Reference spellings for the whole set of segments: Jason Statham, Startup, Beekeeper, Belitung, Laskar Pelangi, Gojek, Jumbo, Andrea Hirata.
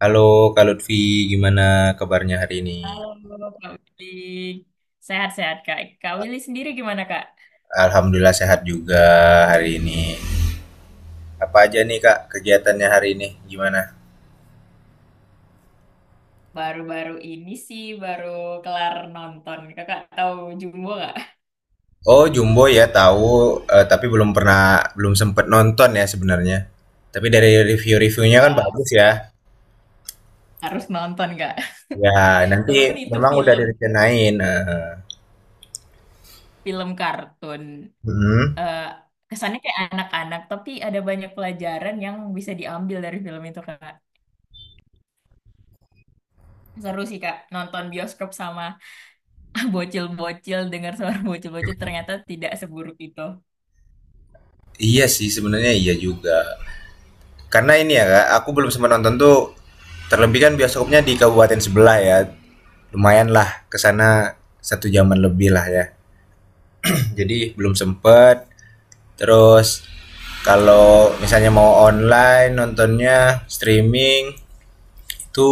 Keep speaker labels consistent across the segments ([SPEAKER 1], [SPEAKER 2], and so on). [SPEAKER 1] Halo Kak Lutfi, gimana kabarnya hari ini?
[SPEAKER 2] Halo Kak Willy, sehat-sehat Kak. Kak Willy sendiri gimana Kak?
[SPEAKER 1] Alhamdulillah sehat juga hari ini. Apa aja nih Kak kegiatannya hari ini? Gimana?
[SPEAKER 2] Baru-baru ini sih baru kelar nonton. Kakak tahu Jumbo nggak?
[SPEAKER 1] Oh Jumbo ya tahu, tapi belum pernah, belum sempet nonton ya sebenarnya. Tapi dari review-reviewnya kan
[SPEAKER 2] Eh,
[SPEAKER 1] bagus ya.
[SPEAKER 2] Harus nonton Kak.
[SPEAKER 1] Ya nanti
[SPEAKER 2] Walaupun itu
[SPEAKER 1] memang udah
[SPEAKER 2] film
[SPEAKER 1] direncanain. Eh.
[SPEAKER 2] film kartun,
[SPEAKER 1] Mm-mm.
[SPEAKER 2] eh, kesannya kayak anak-anak, tapi ada banyak pelajaran yang bisa diambil dari film itu Kak. Seru sih Kak, nonton bioskop sama bocil-bocil, dengar suara bocil-bocil ternyata tidak seburuk itu.
[SPEAKER 1] Iya sih sebenarnya iya juga. Karena ini ya Kak, aku belum sempat nonton tuh. Terlebih kan bioskopnya di kabupaten sebelah ya. Lumayan lah kesana satu jaman lebih lah ya. Jadi belum sempet. Terus kalau misalnya mau online nontonnya streaming itu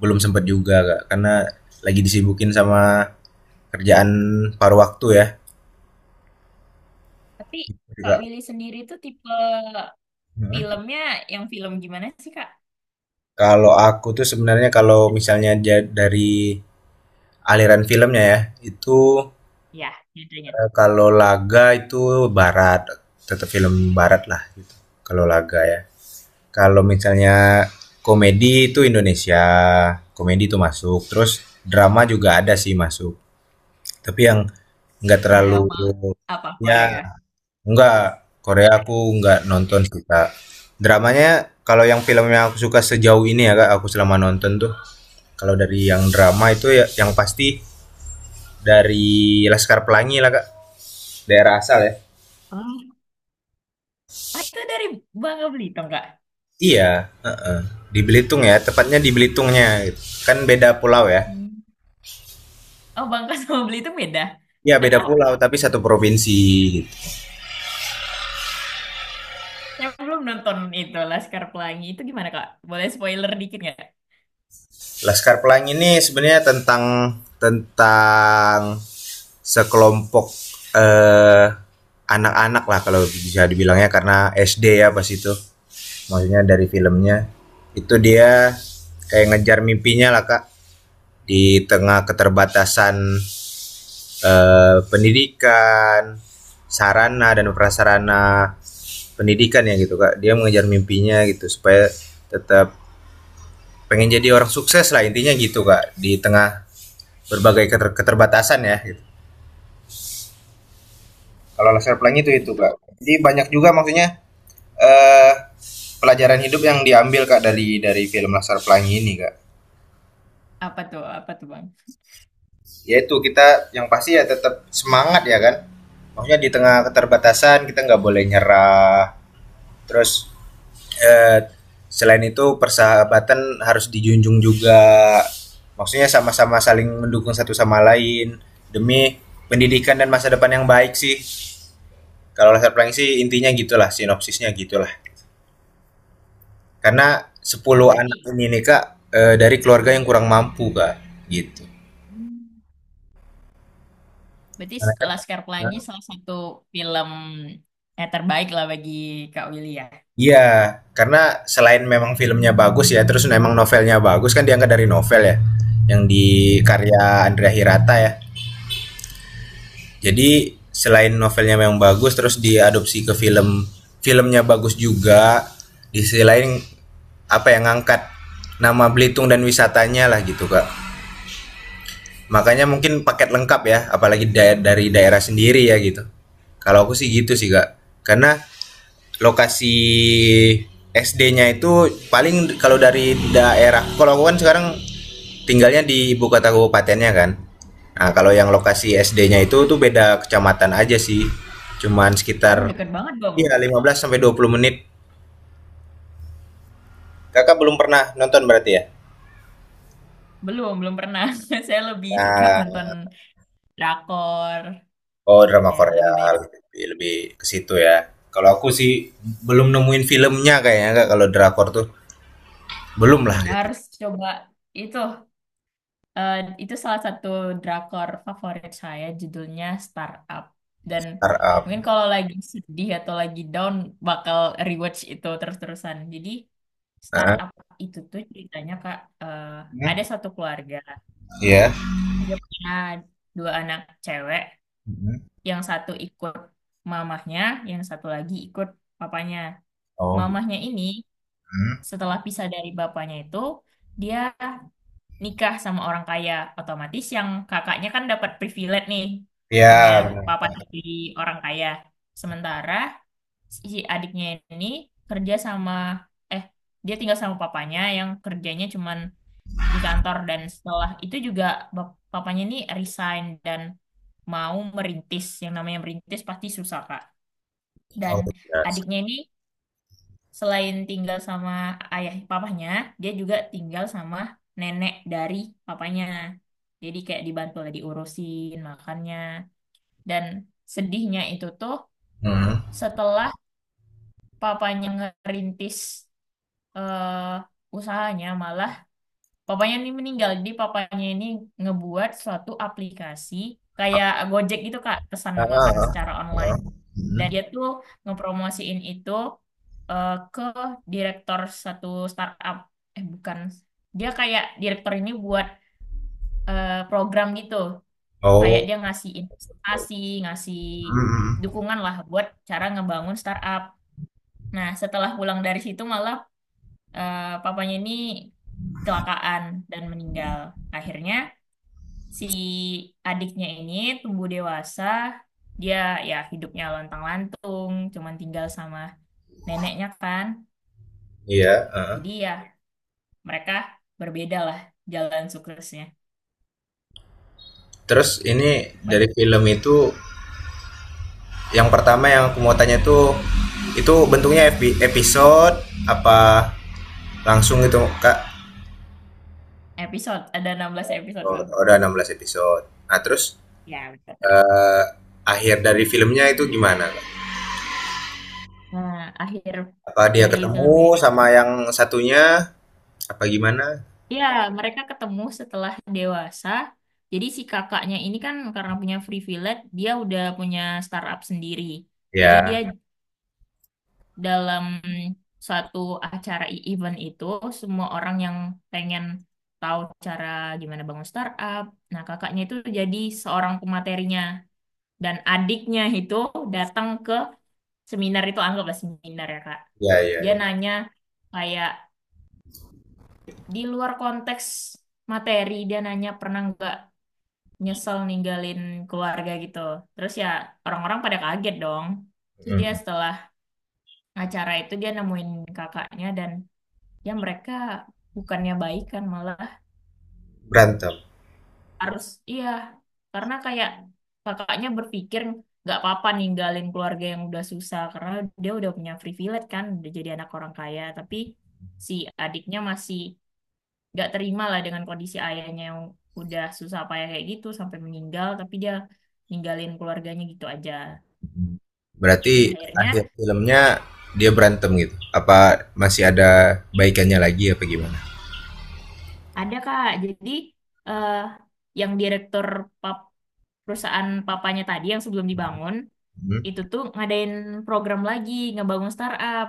[SPEAKER 1] belum sempet juga Kak karena lagi disibukin sama kerjaan paruh waktu ya.
[SPEAKER 2] Tapi Kak
[SPEAKER 1] Juga.
[SPEAKER 2] Willy sendiri tuh tipe
[SPEAKER 1] Heeh.
[SPEAKER 2] filmnya yang film gimana sih, Kak?
[SPEAKER 1] Kalau aku tuh sebenarnya kalau misalnya dari aliran filmnya ya, itu.
[SPEAKER 2] Ya, judulnya.
[SPEAKER 1] Kalau laga itu barat, tetap film baratlah gitu, kalau laga ya. Kalau misalnya komedi itu Indonesia, komedi itu masuk, terus drama juga ada sih masuk, tapi yang nggak terlalu.
[SPEAKER 2] Drama apa
[SPEAKER 1] Ya
[SPEAKER 2] Korea?
[SPEAKER 1] nggak, Korea aku nggak nonton sih, Kak. Dramanya kalau yang film yang aku suka sejauh ini ya, Kak, aku selama nonton tuh, kalau dari yang drama itu ya yang pasti dari Laskar Pelangi lah Kak, daerah asal ya.
[SPEAKER 2] Ah, ah, itu dari Bangka Belitung, Kak.
[SPEAKER 1] Iya, heeh. Di Belitung ya, tepatnya di Belitungnya gitu. Kan beda pulau ya.
[SPEAKER 2] Hmm. Oh, Bangka sama Belitung beda.
[SPEAKER 1] Iya, beda
[SPEAKER 2] Atau
[SPEAKER 1] pulau tapi satu provinsi gitu.
[SPEAKER 2] saya belum nonton itu Laskar Pelangi. Itu gimana, Kak? Boleh spoiler dikit nggak?
[SPEAKER 1] Laskar Pelangi ini sebenarnya tentang tentang sekelompok eh anak-anak lah kalau bisa dibilangnya karena SD ya pas itu. Maksudnya dari filmnya itu dia kayak ngejar mimpinya lah Kak di tengah keterbatasan pendidikan, sarana dan prasarana pendidikan ya gitu Kak. Dia mengejar mimpinya gitu supaya tetap pengen jadi orang sukses lah intinya gitu Kak di tengah berbagai keterbatasan ya. Gitu. Kalau laser pelangi itu Kak.
[SPEAKER 2] Itu
[SPEAKER 1] Jadi banyak juga maksudnya eh, pelajaran hidup yang diambil Kak dari film laser pelangi ini Kak.
[SPEAKER 2] apa tuh? Apa tuh, Bang?
[SPEAKER 1] Yaitu kita yang pasti ya tetap semangat ya kan maksudnya di tengah keterbatasan kita nggak boleh nyerah terus eh, selain itu persahabatan harus dijunjung juga. Maksudnya sama-sama saling mendukung satu sama lain demi pendidikan dan masa depan yang baik sih. Kalau latar pelangi sih intinya gitulah, sinopsisnya gitulah. Karena
[SPEAKER 2] Oh,
[SPEAKER 1] 10 anak
[SPEAKER 2] berarti,
[SPEAKER 1] ini nih Kak, dari keluarga yang kurang mampu Kak, gitu.
[SPEAKER 2] hmm, berarti
[SPEAKER 1] Karena kan.
[SPEAKER 2] Laskar Pelangi salah satu film terbaik lah bagi Kak Willy ya.
[SPEAKER 1] Iya, karena selain memang filmnya bagus ya, terus memang novelnya bagus kan diangkat dari novel ya, yang di
[SPEAKER 2] Ya.
[SPEAKER 1] karya Andrea Hirata ya. Jadi selain novelnya memang bagus terus diadopsi ke film, filmnya bagus juga. Di sisi lain apa yang ngangkat nama Belitung dan wisatanya lah gitu Kak. Makanya mungkin paket lengkap ya, apalagi dari daerah sendiri ya gitu. Kalau aku sih gitu sih Kak, karena lokasi SD-nya itu paling kalau dari daerah kalau aku kan sekarang tinggalnya di ibu kota kabupatennya kan. Nah, kalau yang lokasi SD-nya itu tuh beda kecamatan aja sih, cuman sekitar
[SPEAKER 2] Oh, deket banget dong,
[SPEAKER 1] ya
[SPEAKER 2] Kak.
[SPEAKER 1] 15 sampai 20 menit. Kakak belum pernah nonton berarti ya.
[SPEAKER 2] Belum, belum pernah. Saya lebih suka
[SPEAKER 1] Nah.
[SPEAKER 2] nonton drakor,
[SPEAKER 1] Oh, drama
[SPEAKER 2] ya
[SPEAKER 1] Korea.
[SPEAKER 2] lebih banyak.
[SPEAKER 1] Lebih ke situ ya. Kalau aku sih belum nemuin filmnya kayaknya Kak, kalau drakor tuh belum lah
[SPEAKER 2] Hmm,
[SPEAKER 1] gitu.
[SPEAKER 2] harus coba itu, eh, itu salah satu drakor favorit saya judulnya Startup, dan
[SPEAKER 1] Startup.
[SPEAKER 2] mungkin kalau lagi sedih atau lagi down bakal rewatch itu terus-terusan. Jadi
[SPEAKER 1] Heeh.
[SPEAKER 2] Startup itu tuh ceritanya Kak, eh,
[SPEAKER 1] Hmm.
[SPEAKER 2] ada satu keluarga,
[SPEAKER 1] Iya.
[SPEAKER 2] dia punya dua anak cewek,
[SPEAKER 1] Hmm.
[SPEAKER 2] yang satu ikut mamahnya, yang satu lagi ikut papanya.
[SPEAKER 1] Oh.
[SPEAKER 2] Mamahnya ini
[SPEAKER 1] Hmm.
[SPEAKER 2] setelah pisah dari bapaknya itu dia nikah sama orang kaya, otomatis yang kakaknya kan dapat privilege nih, punya
[SPEAKER 1] Ya, benar.
[SPEAKER 2] papa tiri orang kaya. Sementara si adiknya ini kerja sama, eh dia tinggal sama papanya yang kerjanya cuman di kantor, dan setelah itu juga papanya ini resign dan mau merintis. Yang namanya merintis pasti susah Kak, dan
[SPEAKER 1] Oh, jelas.
[SPEAKER 2] adiknya ini selain tinggal sama ayah papahnya, dia juga tinggal sama nenek dari papanya. Jadi kayak dibantu lah, diurusin makannya. Dan sedihnya itu tuh
[SPEAKER 1] Hmm.
[SPEAKER 2] setelah papanya ngerintis usahanya malah papanya ini meninggal. Jadi papanya ini ngebuat suatu aplikasi kayak Gojek gitu Kak, pesan
[SPEAKER 1] Ah,
[SPEAKER 2] makan
[SPEAKER 1] ah,
[SPEAKER 2] secara online.
[SPEAKER 1] ah.
[SPEAKER 2] Dan
[SPEAKER 1] Hmm.
[SPEAKER 2] dia tuh ngepromosiin itu ke direktur satu startup. Eh bukan, dia kayak direktur ini buat program gitu. Kayak
[SPEAKER 1] Oh.
[SPEAKER 2] dia ngasih investasi, ngasih
[SPEAKER 1] Hmm.
[SPEAKER 2] dukungan lah buat cara ngebangun startup. Nah, setelah pulang dari situ malah papanya ini kecelakaan dan meninggal. Akhirnya si adiknya ini tumbuh dewasa, dia ya hidupnya lontang-lantung, cuman tinggal sama neneknya kan.
[SPEAKER 1] Iya. Ah.
[SPEAKER 2] Jadi ya mereka berbeda lah jalan suksesnya.
[SPEAKER 1] Terus ini
[SPEAKER 2] Banyak
[SPEAKER 1] dari film itu yang pertama yang aku mau tanya itu, bentuknya episode apa langsung gitu Kak?
[SPEAKER 2] episode, ada 16 episode
[SPEAKER 1] Oh,
[SPEAKER 2] bang.
[SPEAKER 1] udah 16 episode. Nah, terus
[SPEAKER 2] Ya, betul.
[SPEAKER 1] eh, akhir dari filmnya itu gimana, Kak?
[SPEAKER 2] Nah, akhir
[SPEAKER 1] Apa dia
[SPEAKER 2] dari
[SPEAKER 1] ketemu
[SPEAKER 2] filmnya
[SPEAKER 1] sama
[SPEAKER 2] itu,
[SPEAKER 1] yang satunya apa gimana?
[SPEAKER 2] ya mereka ketemu setelah dewasa. Jadi si kakaknya ini kan karena punya privilege, dia udah punya startup sendiri. Jadi dia
[SPEAKER 1] Ya,
[SPEAKER 2] dalam suatu acara event itu, semua orang yang pengen tahu cara gimana bangun startup. Nah, kakaknya itu jadi seorang pematerinya dan adiknya itu datang ke seminar itu, anggaplah seminar ya, Kak.
[SPEAKER 1] ya,
[SPEAKER 2] Dia
[SPEAKER 1] ya.
[SPEAKER 2] nanya kayak di luar konteks materi, dia nanya pernah nggak nyesel ninggalin keluarga gitu. Terus ya orang-orang pada kaget dong. Terus dia
[SPEAKER 1] Hmm.
[SPEAKER 2] setelah acara itu dia nemuin kakaknya dan ya mereka bukannya baik kan malah
[SPEAKER 1] Berantem.
[SPEAKER 2] harus, iya, karena kayak kakaknya berpikir nggak apa-apa ninggalin keluarga yang udah susah karena dia udah punya privilege kan, udah jadi anak orang kaya, tapi si adiknya masih nggak terima lah dengan kondisi ayahnya yang udah susah payah kayak gitu sampai meninggal tapi dia ninggalin keluarganya gitu aja.
[SPEAKER 1] Berarti
[SPEAKER 2] Dan akhirnya
[SPEAKER 1] akhir filmnya dia berantem gitu? Apa masih ada baikannya lagi apa gimana?
[SPEAKER 2] ada kak, jadi eh yang direktur pap- perusahaan papanya tadi yang sebelum dibangun
[SPEAKER 1] Mhm,
[SPEAKER 2] itu tuh ngadain program lagi, ngebangun startup.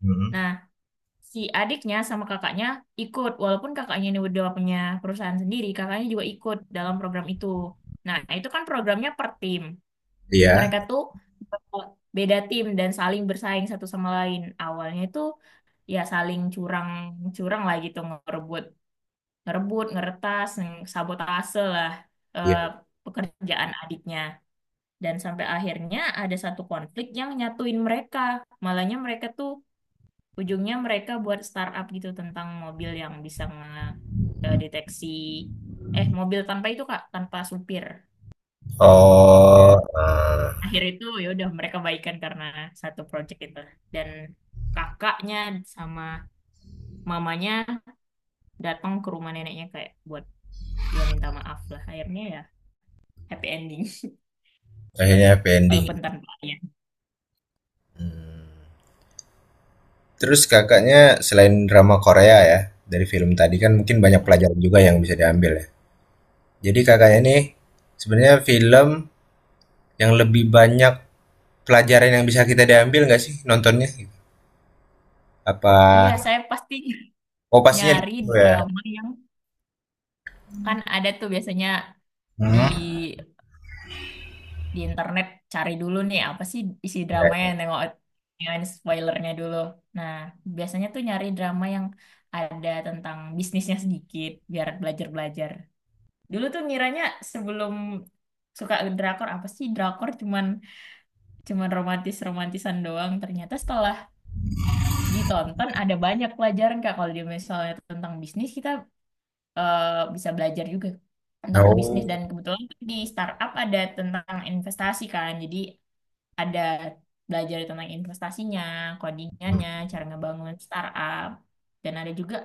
[SPEAKER 1] mhm.
[SPEAKER 2] Nah, si adiknya sama kakaknya ikut, walaupun kakaknya ini udah punya perusahaan sendiri, kakaknya juga ikut dalam program itu. Nah, itu kan programnya per tim.
[SPEAKER 1] Iya,
[SPEAKER 2] Mereka tuh eh, beda tim dan saling bersaing satu sama lain. Awalnya itu ya saling curang-curang lah gitu, ngerebut, ngerebut, ngeretas, sabotase lah
[SPEAKER 1] iya.
[SPEAKER 2] eh, pekerjaan adiknya. Dan sampai akhirnya ada satu konflik yang nyatuin mereka. Malahnya mereka tuh ujungnya mereka buat startup gitu tentang mobil yang bisa ngedeteksi, eh, mobil tanpa itu Kak, tanpa supir. Nah,
[SPEAKER 1] Oh, eee,
[SPEAKER 2] akhir itu ya udah mereka baikan karena satu project itu. Dan kakaknya sama mamanya datang ke rumah neneknya kayak buat ya minta maaf lah. Akhirnya ya happy ending,
[SPEAKER 1] akhirnya happy ending.
[SPEAKER 2] walaupun tanpa ayah
[SPEAKER 1] Mmm, Terus Kakaknya selain drama Korea ya, dari film tadi kan mungkin banyak
[SPEAKER 2] ya.
[SPEAKER 1] pelajaran juga yang bisa diambil ya. Jadi Kakaknya nih, sebenarnya film yang lebih banyak pelajaran yang bisa kita diambil nggak sih nontonnya gitu? Apa?
[SPEAKER 2] Iya, saya pasti
[SPEAKER 1] Oh, pastinya di
[SPEAKER 2] nyari
[SPEAKER 1] situ ya?
[SPEAKER 2] drama yang, kan ada tuh biasanya di
[SPEAKER 1] Mhm,
[SPEAKER 2] di internet cari dulu nih apa sih isi dramanya,
[SPEAKER 1] iya.
[SPEAKER 2] nengok yang spoilernya dulu. Nah, biasanya tuh nyari drama yang ada tentang bisnisnya sedikit biar belajar-belajar. Dulu tuh ngiranya sebelum suka drakor apa sih drakor, cuman cuman romantis-romantisan doang. Ternyata setelah ditonton ada banyak pelajaran Kak, kalau dia misalnya tentang bisnis kita eh, bisa belajar juga tentang bisnis,
[SPEAKER 1] Oh,
[SPEAKER 2] dan kebetulan di startup ada tentang investasi kan. Jadi ada belajar tentang investasinya,
[SPEAKER 1] mhm,
[SPEAKER 2] codingannya, cara ngebangun startup, dan ada juga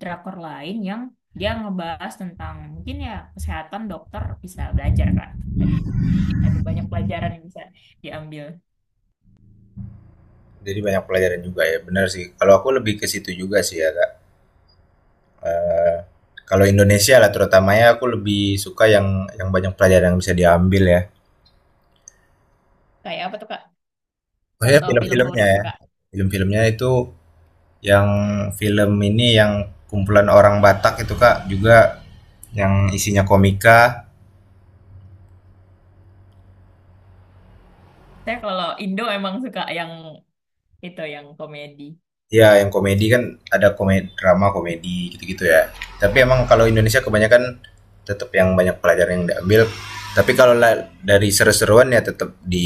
[SPEAKER 2] drakor lain yang dia ngebahas tentang mungkin ya kesehatan, dokter bisa belajar Kak. Jadi ada banyak pelajaran yang bisa diambil.
[SPEAKER 1] jadi banyak pelajaran juga ya, benar sih. Kalau aku lebih ke situ juga sih ya, Kak, eee, kalau Indonesia lah terutamanya aku lebih suka yang banyak pelajaran yang bisa diambil ya.
[SPEAKER 2] Kayak apa tuh Kak?
[SPEAKER 1] Oh
[SPEAKER 2] Contoh film favorit
[SPEAKER 1] ya,
[SPEAKER 2] Kakak.
[SPEAKER 1] film-filmnya itu yang film ini yang kumpulan orang Batak itu, Kak, juga yang isinya komika.
[SPEAKER 2] Saya kalau Indo emang suka yang itu yang komedi
[SPEAKER 1] Ya, yang komedi kan ada komedi drama, komedi, gitu-gitu ya. Tapi emang kalau Indonesia kebanyakan tetap yang banyak pelajaran yang diambil. Tapi kalau dari seru-seruan ya tetap di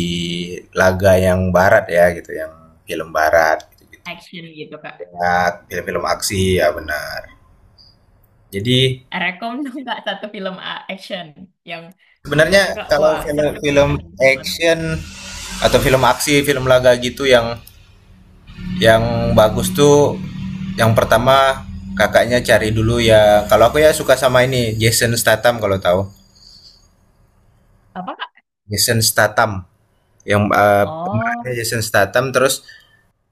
[SPEAKER 1] laga yang barat ya gitu, yang film barat gitu-gitu.
[SPEAKER 2] action gitu Kak.
[SPEAKER 1] Ya, film-film aksi ya benar. Jadi
[SPEAKER 2] Rekom dong nggak satu film action yang
[SPEAKER 1] sebenarnya
[SPEAKER 2] menurut kakak
[SPEAKER 1] kalau
[SPEAKER 2] wah seru
[SPEAKER 1] film-film
[SPEAKER 2] banget nih ditonton.
[SPEAKER 1] action atau film aksi, film laga gitu yang Yang bagus tuh yang pertama kakaknya cari dulu ya. Kalau aku ya suka sama ini Jason Statham kalau tahu.
[SPEAKER 2] Apa kak?
[SPEAKER 1] Jason Statham yang pemerannya
[SPEAKER 2] Oh,
[SPEAKER 1] Jason Statham terus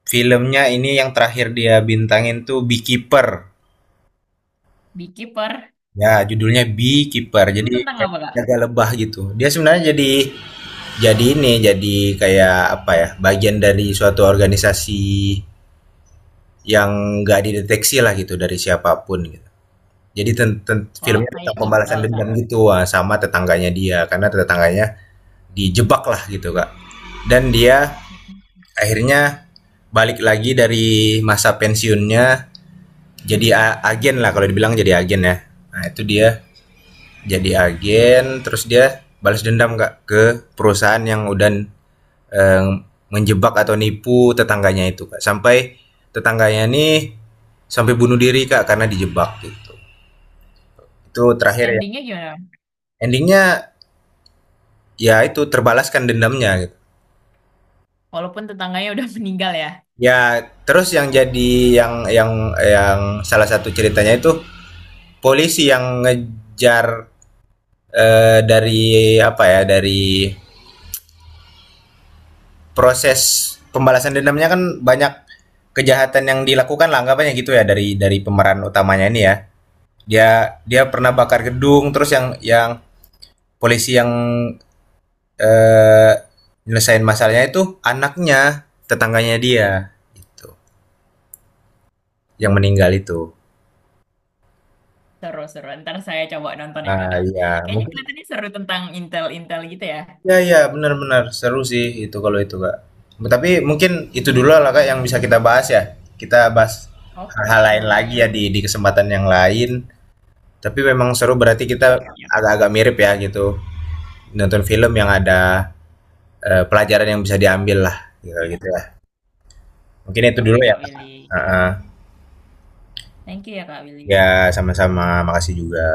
[SPEAKER 1] filmnya ini yang terakhir dia bintangin tuh Beekeeper.
[SPEAKER 2] Beekeeper.
[SPEAKER 1] Ya, judulnya Beekeeper.
[SPEAKER 2] Itu
[SPEAKER 1] Jadi
[SPEAKER 2] tentang
[SPEAKER 1] kayak
[SPEAKER 2] apa kak?
[SPEAKER 1] jaga lebah gitu. Dia sebenarnya jadi ini jadi kayak apa ya? Bagian dari suatu organisasi yang nggak dideteksi lah gitu dari siapapun gitu. Jadi ten ten
[SPEAKER 2] Oh,
[SPEAKER 1] filmnya
[SPEAKER 2] kayak
[SPEAKER 1] tentang pembalasan
[SPEAKER 2] intel kak?
[SPEAKER 1] dendam gitu, wah, sama tetangganya dia karena tetangganya dijebak lah gitu, Kak. Dan dia
[SPEAKER 2] Mhm.
[SPEAKER 1] akhirnya balik lagi dari masa pensiunnya jadi agen lah kalau dibilang jadi agen ya. Nah, itu dia jadi agen terus dia balas dendam Kak ke perusahaan yang udah eh, menjebak atau nipu tetangganya itu, Kak. Sampai tetangganya nih sampai bunuh diri Kak karena dijebak gitu. Itu
[SPEAKER 2] Terus
[SPEAKER 1] terakhir ya.
[SPEAKER 2] endingnya gimana?
[SPEAKER 1] Endingnya ya itu terbalaskan dendamnya gitu.
[SPEAKER 2] Walaupun tetangganya udah meninggal ya.
[SPEAKER 1] Ya terus yang jadi yang salah satu ceritanya itu polisi yang ngejar dari apa ya dari proses pembalasan dendamnya kan banyak kejahatan yang dilakukan lah anggapannya gitu ya dari pemeran utamanya ini ya. Dia Dia pernah bakar gedung terus yang polisi yang eh nyelesain masalahnya itu anaknya tetangganya dia gitu yang
[SPEAKER 2] Hmm.
[SPEAKER 1] meninggal itu.
[SPEAKER 2] Seru seru. Ntar saya coba nonton ya kak.
[SPEAKER 1] Ah, iya,
[SPEAKER 2] Kayaknya
[SPEAKER 1] mungkin
[SPEAKER 2] kelihatannya seru tentang intel-intel gitu ya.
[SPEAKER 1] iya, iya, benar-benar seru sih itu kalau itu, Kak. Tapi mungkin itu dulu lah, Kak, yang bisa kita bahas ya. Kita bahas
[SPEAKER 2] Oke
[SPEAKER 1] hal-hal
[SPEAKER 2] kak
[SPEAKER 1] lain lagi
[SPEAKER 2] Willy.
[SPEAKER 1] ya di kesempatan yang lain. Tapi memang seru berarti kita
[SPEAKER 2] Iya, iya,
[SPEAKER 1] agak-agak mirip ya gitu. Nonton film yang ada pelajaran yang bisa diambil lah gitu,
[SPEAKER 2] iya.
[SPEAKER 1] gitu ya. Mungkin itu
[SPEAKER 2] Oke
[SPEAKER 1] dulu ya,
[SPEAKER 2] kak
[SPEAKER 1] Kak.
[SPEAKER 2] Willy.
[SPEAKER 1] Ah, ah.
[SPEAKER 2] Thank you ya kak
[SPEAKER 1] Ya,
[SPEAKER 2] Willy.
[SPEAKER 1] sama-sama. Makasih juga.